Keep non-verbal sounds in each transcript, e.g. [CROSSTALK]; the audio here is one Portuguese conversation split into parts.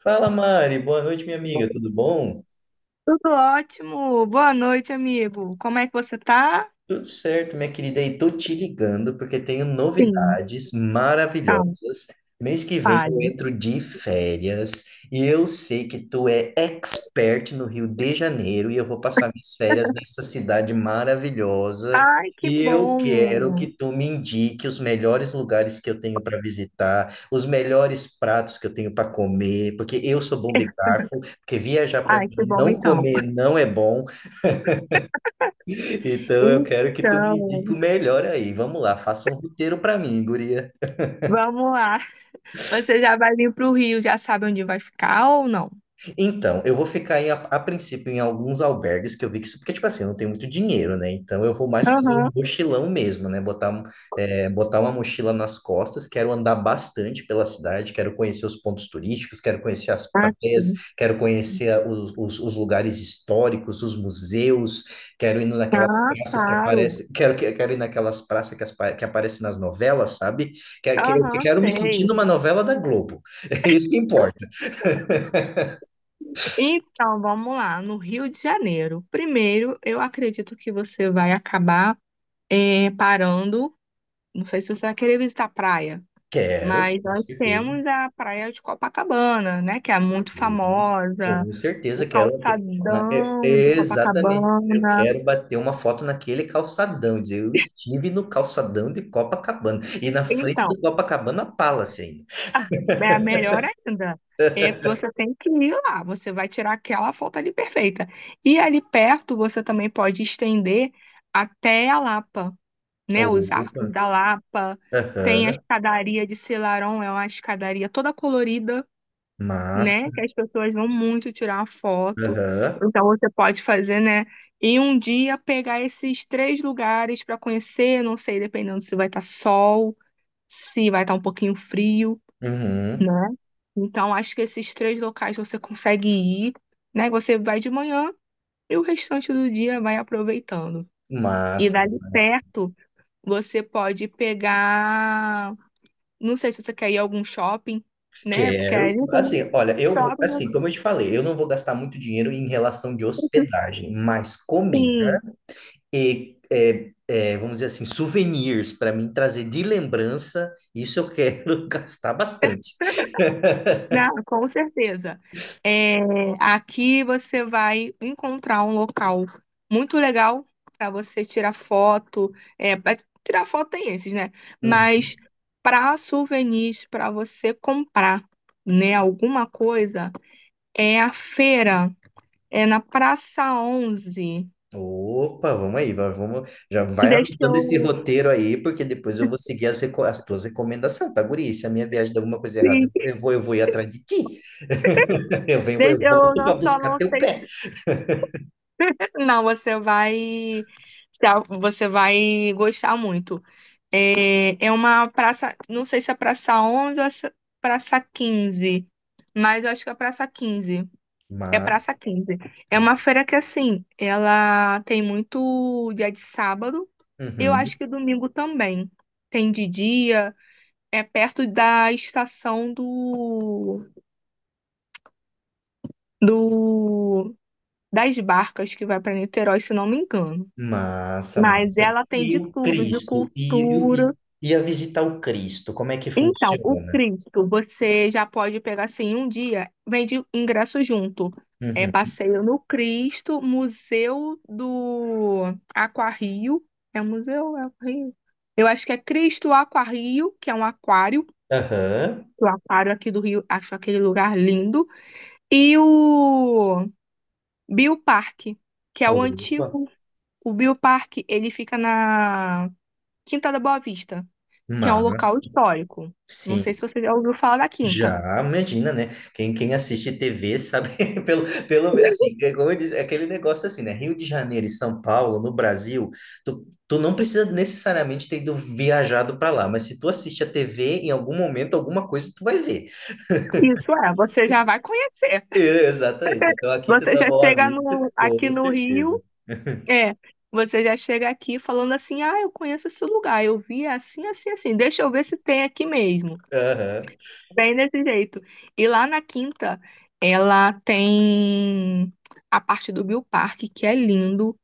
Fala, Mari. Boa noite, minha amiga. Tudo bom? Tudo ótimo. Boa noite, amigo. Como é que você tá? Tudo certo, minha querida. E tô te ligando porque tenho Sim, novidades calma, maravilhosas. Mês que vem eu fale. entro de férias e eu sei que tu é expert no Rio de Janeiro e eu vou passar minhas férias nessa cidade maravilhosa. Ai, que E eu quero bom! que tu me indique os melhores lugares que eu tenho para visitar, os melhores pratos que eu tenho para comer, porque eu sou bom de garfo, porque viajar para Ai, que mim bom, não então. comer não é bom. Então eu quero que tu me Então, indique o melhor aí. Vamos lá, faça um roteiro pra mim, guria. vamos lá. Você já vai vir pro Rio, já sabe onde vai ficar ou não? Então, eu vou ficar a princípio em alguns albergues que eu vi que porque, tipo assim, eu não tenho muito dinheiro, né? Então, eu vou mais fazer um Aham, mochilão mesmo, né? Botar uma mochila nas costas, quero andar bastante pela cidade, quero conhecer os pontos turísticos, quero conhecer as ah, praias, sim. quero conhecer os lugares históricos, os museus, quero ir naquelas Ah, praças que claro. aparecem, quero, quero ir naquelas praças que aparecem nas novelas, sabe? Aham, Quero me sei. sentir numa novela da Globo. [LAUGHS] É isso que importa. Então, vamos lá, no Rio de Janeiro. Primeiro, eu acredito que você vai acabar parando. Não sei se você vai querer visitar a praia. Quero, Mas com nós certeza. temos a Praia de Copacabana, né, que é muito Sim, famosa, com certeza o quero. Calçadão de Exatamente, eu Copacabana. quero bater uma foto naquele calçadão, dizer, eu estive no calçadão de Copacabana e na frente Então, do Copacabana Palace ainda. [LAUGHS] É a melhor ainda. É, que você tem que ir lá, você vai tirar aquela foto ali perfeita. E ali perto você também pode estender até a Lapa, né? Os Opa, arcos da Lapa. Tem a aham, escadaria de Selarón, é uma escadaria toda colorida, né? massa, Que as pessoas vão muito tirar foto. aham, Então você pode fazer, né? E um dia pegar esses três lugares para conhecer, não sei, dependendo se vai estar sol, se vai estar um pouquinho frio, uhum, né? Então acho que esses três locais você consegue ir, né? Você vai de manhã e o restante do dia vai aproveitando. E massa, dali massa. perto você pode pegar, não sei se você quer ir a algum shopping, né? Porque Quero, ali tem assim, olha, eu vou, assim, shopping como eu te falei, eu não vou gastar muito dinheiro em relação de hospedagem, mas assim. comida. E é, é, vamos dizer assim, souvenirs para mim trazer de lembrança, isso eu quero [LAUGHS] gastar bastante. Não, com certeza. É, aqui você vai encontrar um local muito legal para você tirar foto. É, pra tirar foto tem esses, né? Uhum. Mas para souvenirs, para você comprar, né, alguma coisa, é a feira, é na Praça 11. Opa, vamos aí, vamos, já vai Deixa anotando esse eu. roteiro aí, porque depois eu vou seguir as tuas recomendações, tá, guri? Se a minha viagem der alguma coisa errada, Sim, eu vou ir atrás de ti. [LAUGHS] Eu venho, eu deixa eu volto não, para só buscar não teu sei. pé. Não, você vai, tá? Você vai gostar muito. É, é uma praça, não sei se é Praça 11 ou é Praça 15, mas eu acho que é Praça 15. É Mas, Praça quinze. É uma feira que, assim, ela tem muito dia de sábado, eu acho uhum, que domingo também. Tem de dia, é perto da estação do das barcas que vai para Niterói, se não me engano. massa, Mas massa. ela tem E de o tudo, de Cristo, cultura. e a visitar o Cristo, como é que Então, o funciona? Cristo, você já pode pegar assim um dia, vende ingresso junto. É Uhum. passeio no Cristo, Museu do Aquarrio. É um museu? É Aquarrio? Eu acho que é Cristo Aquarrio, que é um aquário. Aham. O aquário aqui do Rio, acho aquele lugar lindo. E o Bioparque, que é o Opa. antigo. O Bioparque, ele fica na Quinta da Boa Vista, que é um local Mas, histórico. Não sim, sei se você já ouviu falar da Quinta. já imagina, né? Quem assiste TV sabe, [LAUGHS] pelo, pelo menos, assim, é como eu disse, é aquele negócio assim, né? Rio de Janeiro e São Paulo, no Brasil, tu não precisa necessariamente ter ido viajado para lá, mas se tu assiste a TV, em algum momento, alguma coisa tu vai ver. Isso é, você já vai conhecer. [LAUGHS] Exatamente. Então, aqui tu Você tá já Boa chega Vista, aqui com no certeza. Rio, é, você já chega aqui falando assim: ah, eu conheço esse lugar, eu vi assim, assim, assim, deixa eu ver se tem aqui mesmo. Aham, Bem desse jeito. E lá na Quinta, ela tem a parte do Bill Park, que é lindo.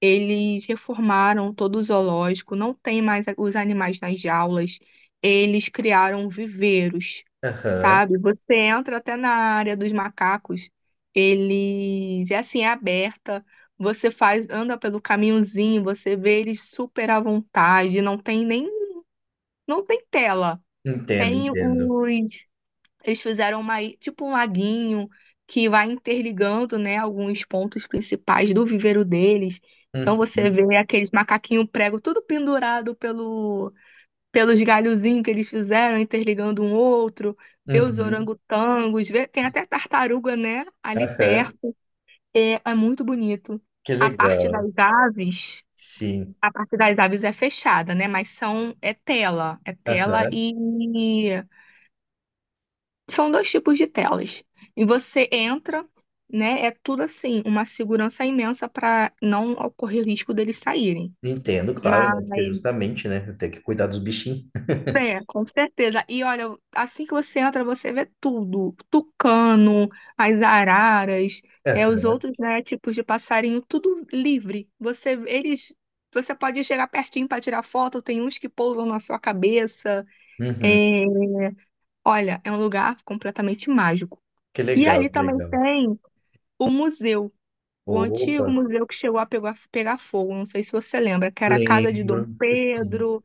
Eles reformaram todo o zoológico, não tem mais os animais nas jaulas. Eles criaram viveiros, aham. sabe? Você entra até na área dos macacos, eles é assim, é aberta. Você faz, anda pelo caminhozinho, você vê eles super à vontade, não tem nem, não tem tela. Entendo, Tem entendo. os Eles fizeram uma, tipo um laguinho que vai interligando, né, alguns pontos principais do viveiro deles. Então você Uhum, vê aqueles macaquinhos prego tudo pendurado pelos galhozinhos que eles fizeram, interligando um outro, vê os uhum, orangotangos, vê, tem até tartaruga, né, ali aham. perto. É, é muito bonito. Que A parte legal. das aves, Sim. a parte das aves é fechada, né, mas são é tela Aham, e são dois tipos de telas. E você entra, né? É tudo assim, uma segurança imensa para não ocorrer o risco deles saírem. entendo, claro, Mas, né? Porque justamente, né? Tem que cuidar dos bichinhos. [LAUGHS] Com certeza. E olha, assim que você entra, você vê tudo: tucano, as araras, os Aham, outros, né, tipos de passarinho, tudo livre. Você pode chegar pertinho para tirar foto, tem uns que pousam na sua cabeça. uhum. É, olha, é um lugar completamente mágico. Que E legal, ali que também legal. tem o museu, o Opa, antigo museu que chegou a pegar fogo, não sei se você lembra, que era a casa de Dom lembro. Pedro.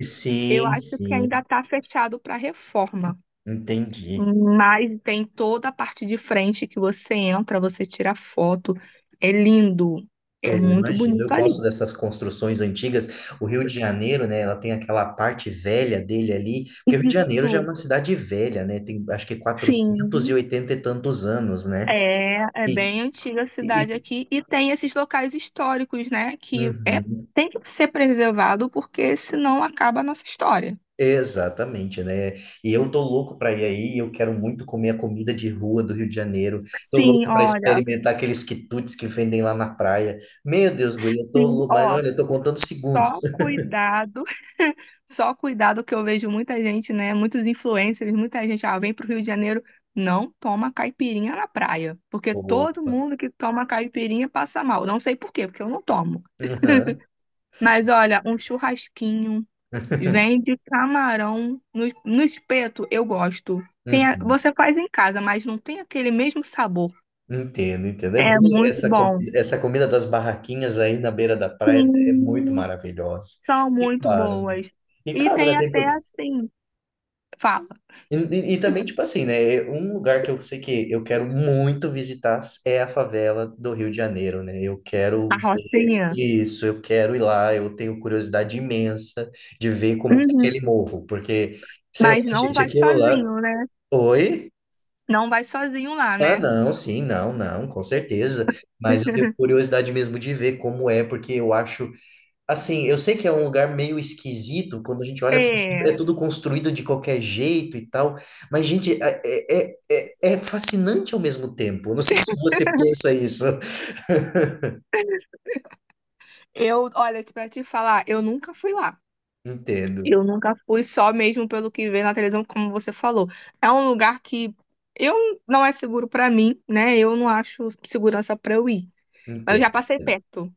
Eu Sim, sim, acho que ainda sim, está fechado para reforma, entendi. mas tem toda a parte de frente que você entra, você tira foto. É lindo, é É, eu muito imagino, eu bonito gosto ali. dessas construções antigas. O Rio de Janeiro, né? Ela tem aquela parte velha dele ali, porque o Rio de Janeiro já é Isso, uma cidade velha, né? Tem acho que sim. 480 e oitenta e tantos anos, né? É E, bem antiga a e, cidade aqui e tem esses locais históricos, né, uhum. tem que ser preservado porque senão acaba a nossa história. Exatamente, né? E eu tô louco para ir aí, eu quero muito comer a comida de rua do Rio de Janeiro. Tô Sim, louco para olha. experimentar aqueles quitutes que vendem lá na praia. Meu Deus, guria, eu tô Sim, louco, mas ó, olha, eu tô contando segundos. só [LAUGHS] cuidado, [LAUGHS] só cuidado que eu vejo muita gente, né? Muitos influencers, muita gente, ah, vem pro Rio de Janeiro, não toma caipirinha na praia, porque todo Opa. mundo que toma caipirinha passa mal. Não sei por quê, porque eu não tomo. Uhum, Mas olha, um churrasquinho, vende camarão no espeto, eu gosto. Uhum. Você faz em casa, mas não tem aquele mesmo sabor. Entendo, entendo. É É bom muito bom. essa comida das barraquinhas aí na beira da praia é muito Sim. maravilhosa. São E muito claro, né? boas. E E claro, né, tem tem até assim, fala, E, e também, tipo assim, né? Um lugar que eu sei que eu quero muito visitar é a favela do Rio de Janeiro, né? Eu quero a Rocinha. isso, eu quero ir lá, eu tenho curiosidade imensa de ver como que é Uhum. aquele morro, porque, sei lá, Mas não gente, vai aquilo lá. sozinho, né? Oi? Não vai sozinho lá, Ah, né? não, sim, não, não, com certeza. Mas eu tenho [LAUGHS] curiosidade mesmo de ver como é, porque eu acho. Assim, eu sei que é um lugar meio esquisito, quando a gente olha, É, é tudo construído de qualquer jeito e tal, mas, gente, é fascinante ao mesmo tempo. Eu não sei se você pensa isso. [LAUGHS] Olha, pra te falar, eu nunca fui lá. Entendo, Eu nunca fui só mesmo pelo que vê na televisão, como você falou. É um lugar que eu não é seguro pra mim, né? Eu não acho segurança pra eu ir. Mas eu já entendo. passei perto.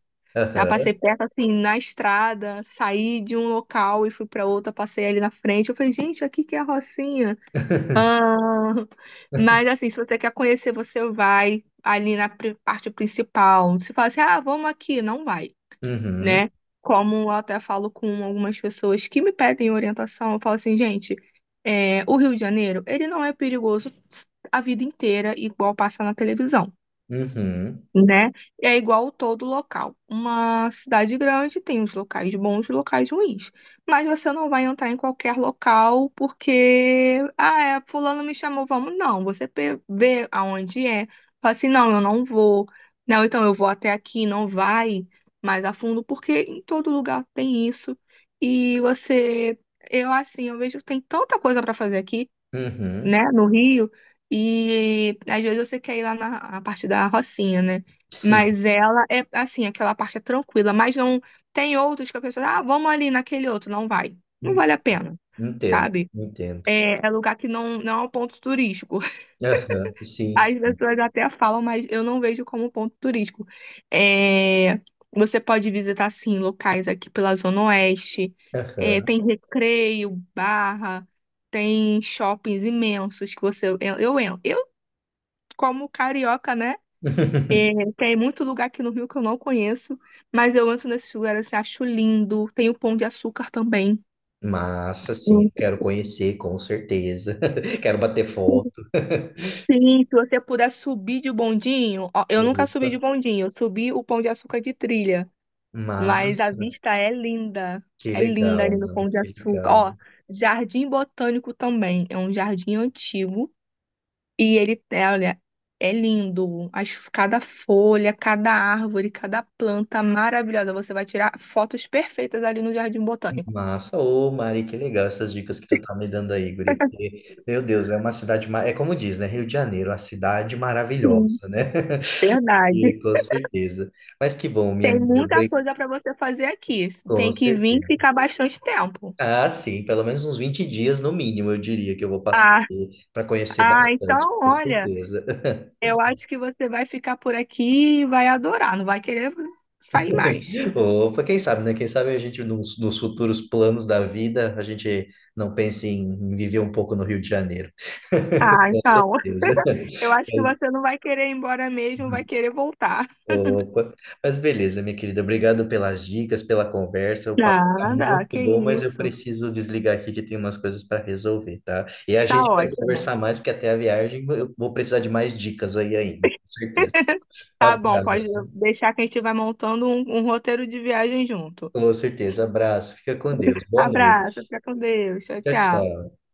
Já passei Aham. perto, assim, na estrada, saí de um local e fui para outro, passei ali na frente. Eu falei, gente, aqui que é a Rocinha. Ah, [LAUGHS] mas, assim, se você quer conhecer, você vai ali na parte principal. Se fala assim, ah, vamos aqui, não vai, Uhum, né? Como eu até falo com algumas pessoas que me pedem orientação, eu falo assim, gente, o Rio de Janeiro, ele não é perigoso a vida inteira, igual passa na televisão, uhum, né? É igual todo local. Uma cidade grande tem os locais bons e locais ruins. Mas você não vai entrar em qualquer local porque, ah, fulano me chamou, vamos. Não, você vê aonde é. Fala assim, não, eu não vou. Não, então eu vou até aqui, não vai mais a fundo, porque em todo lugar tem isso. E você, eu assim, eu vejo que tem tanta coisa para fazer aqui, uhum. né, no Rio, e às vezes você quer ir lá na a parte da Rocinha, né? Sim, Mas ela é assim, aquela parte é tranquila, mas não tem outros que a pessoa, ah, vamos ali naquele outro, não vai. Não en- vale a pena, entendo, sabe? entendo. É lugar que não é um ponto turístico. Aham, sim, As sim. pessoas até falam, mas eu não vejo como ponto turístico. É, você pode visitar, sim, locais aqui pela Zona Oeste. É, Aham. tem recreio, barra, tem shoppings imensos que você... Eu como carioca, né? É, [LAUGHS] tem muito lugar aqui no Rio que eu não conheço, mas eu entro nesses lugares assim, acho lindo. Tem o Pão de Açúcar também. Massa, sim, Hum. quero conhecer, com certeza. [LAUGHS] Quero bater foto. Sim, se você puder subir de bondinho, ó, eu nunca Opa, subi de bondinho, eu subi o Pão de Açúcar de trilha. Mas a massa. vista é linda. Que É linda legal, ali no mano, Pão de que Açúcar. legal. Ó, Jardim Botânico também. É um jardim antigo. E ele, olha, é lindo. Cada folha, cada árvore, cada planta maravilhosa. Você vai tirar fotos perfeitas ali no Jardim Botânico. Massa, ô Mari, que legal essas dicas que tu tá me dando aí, guria, porque, [LAUGHS] meu Deus, é uma cidade, ma- é como diz, né, Rio de Janeiro, uma cidade Sim, maravilhosa, né? [LAUGHS] verdade. E, com certeza. Mas que bom, minha Tem amiga, muita coisa para você fazer aqui. com Tem que vir e certeza. ficar bastante tempo. Ah, sim, pelo menos uns 20 dias no mínimo, eu diria que eu vou passar Ah, para conhecer ah, bastante, então, com olha. certeza. Eu acho que você vai ficar por aqui e vai adorar, não vai querer sair mais. Opa, quem sabe, né? Quem sabe a gente, nos futuros planos da vida, a gente não pense em viver um pouco no Rio de Janeiro. [LAUGHS] Ah, Com então. certeza. [LAUGHS] Eu acho que você não vai querer ir embora mesmo, vai querer voltar. Opa, mas beleza, minha querida. Obrigado pelas dicas, pela conversa. O papo tá Nada, muito que bom, mas eu isso. preciso desligar aqui que tem umas coisas para resolver, tá? E a Tá gente vai ótimo. conversar mais, porque até a viagem eu vou precisar de mais dicas aí ainda, com certeza. Tá bom, pode Abraço. deixar que a gente vai montando um roteiro de viagem junto. Com certeza. Abraço. Fica com Deus. Boa Abraço, noite. fica com Deus. Tchau, Tchau, tchau. tchau.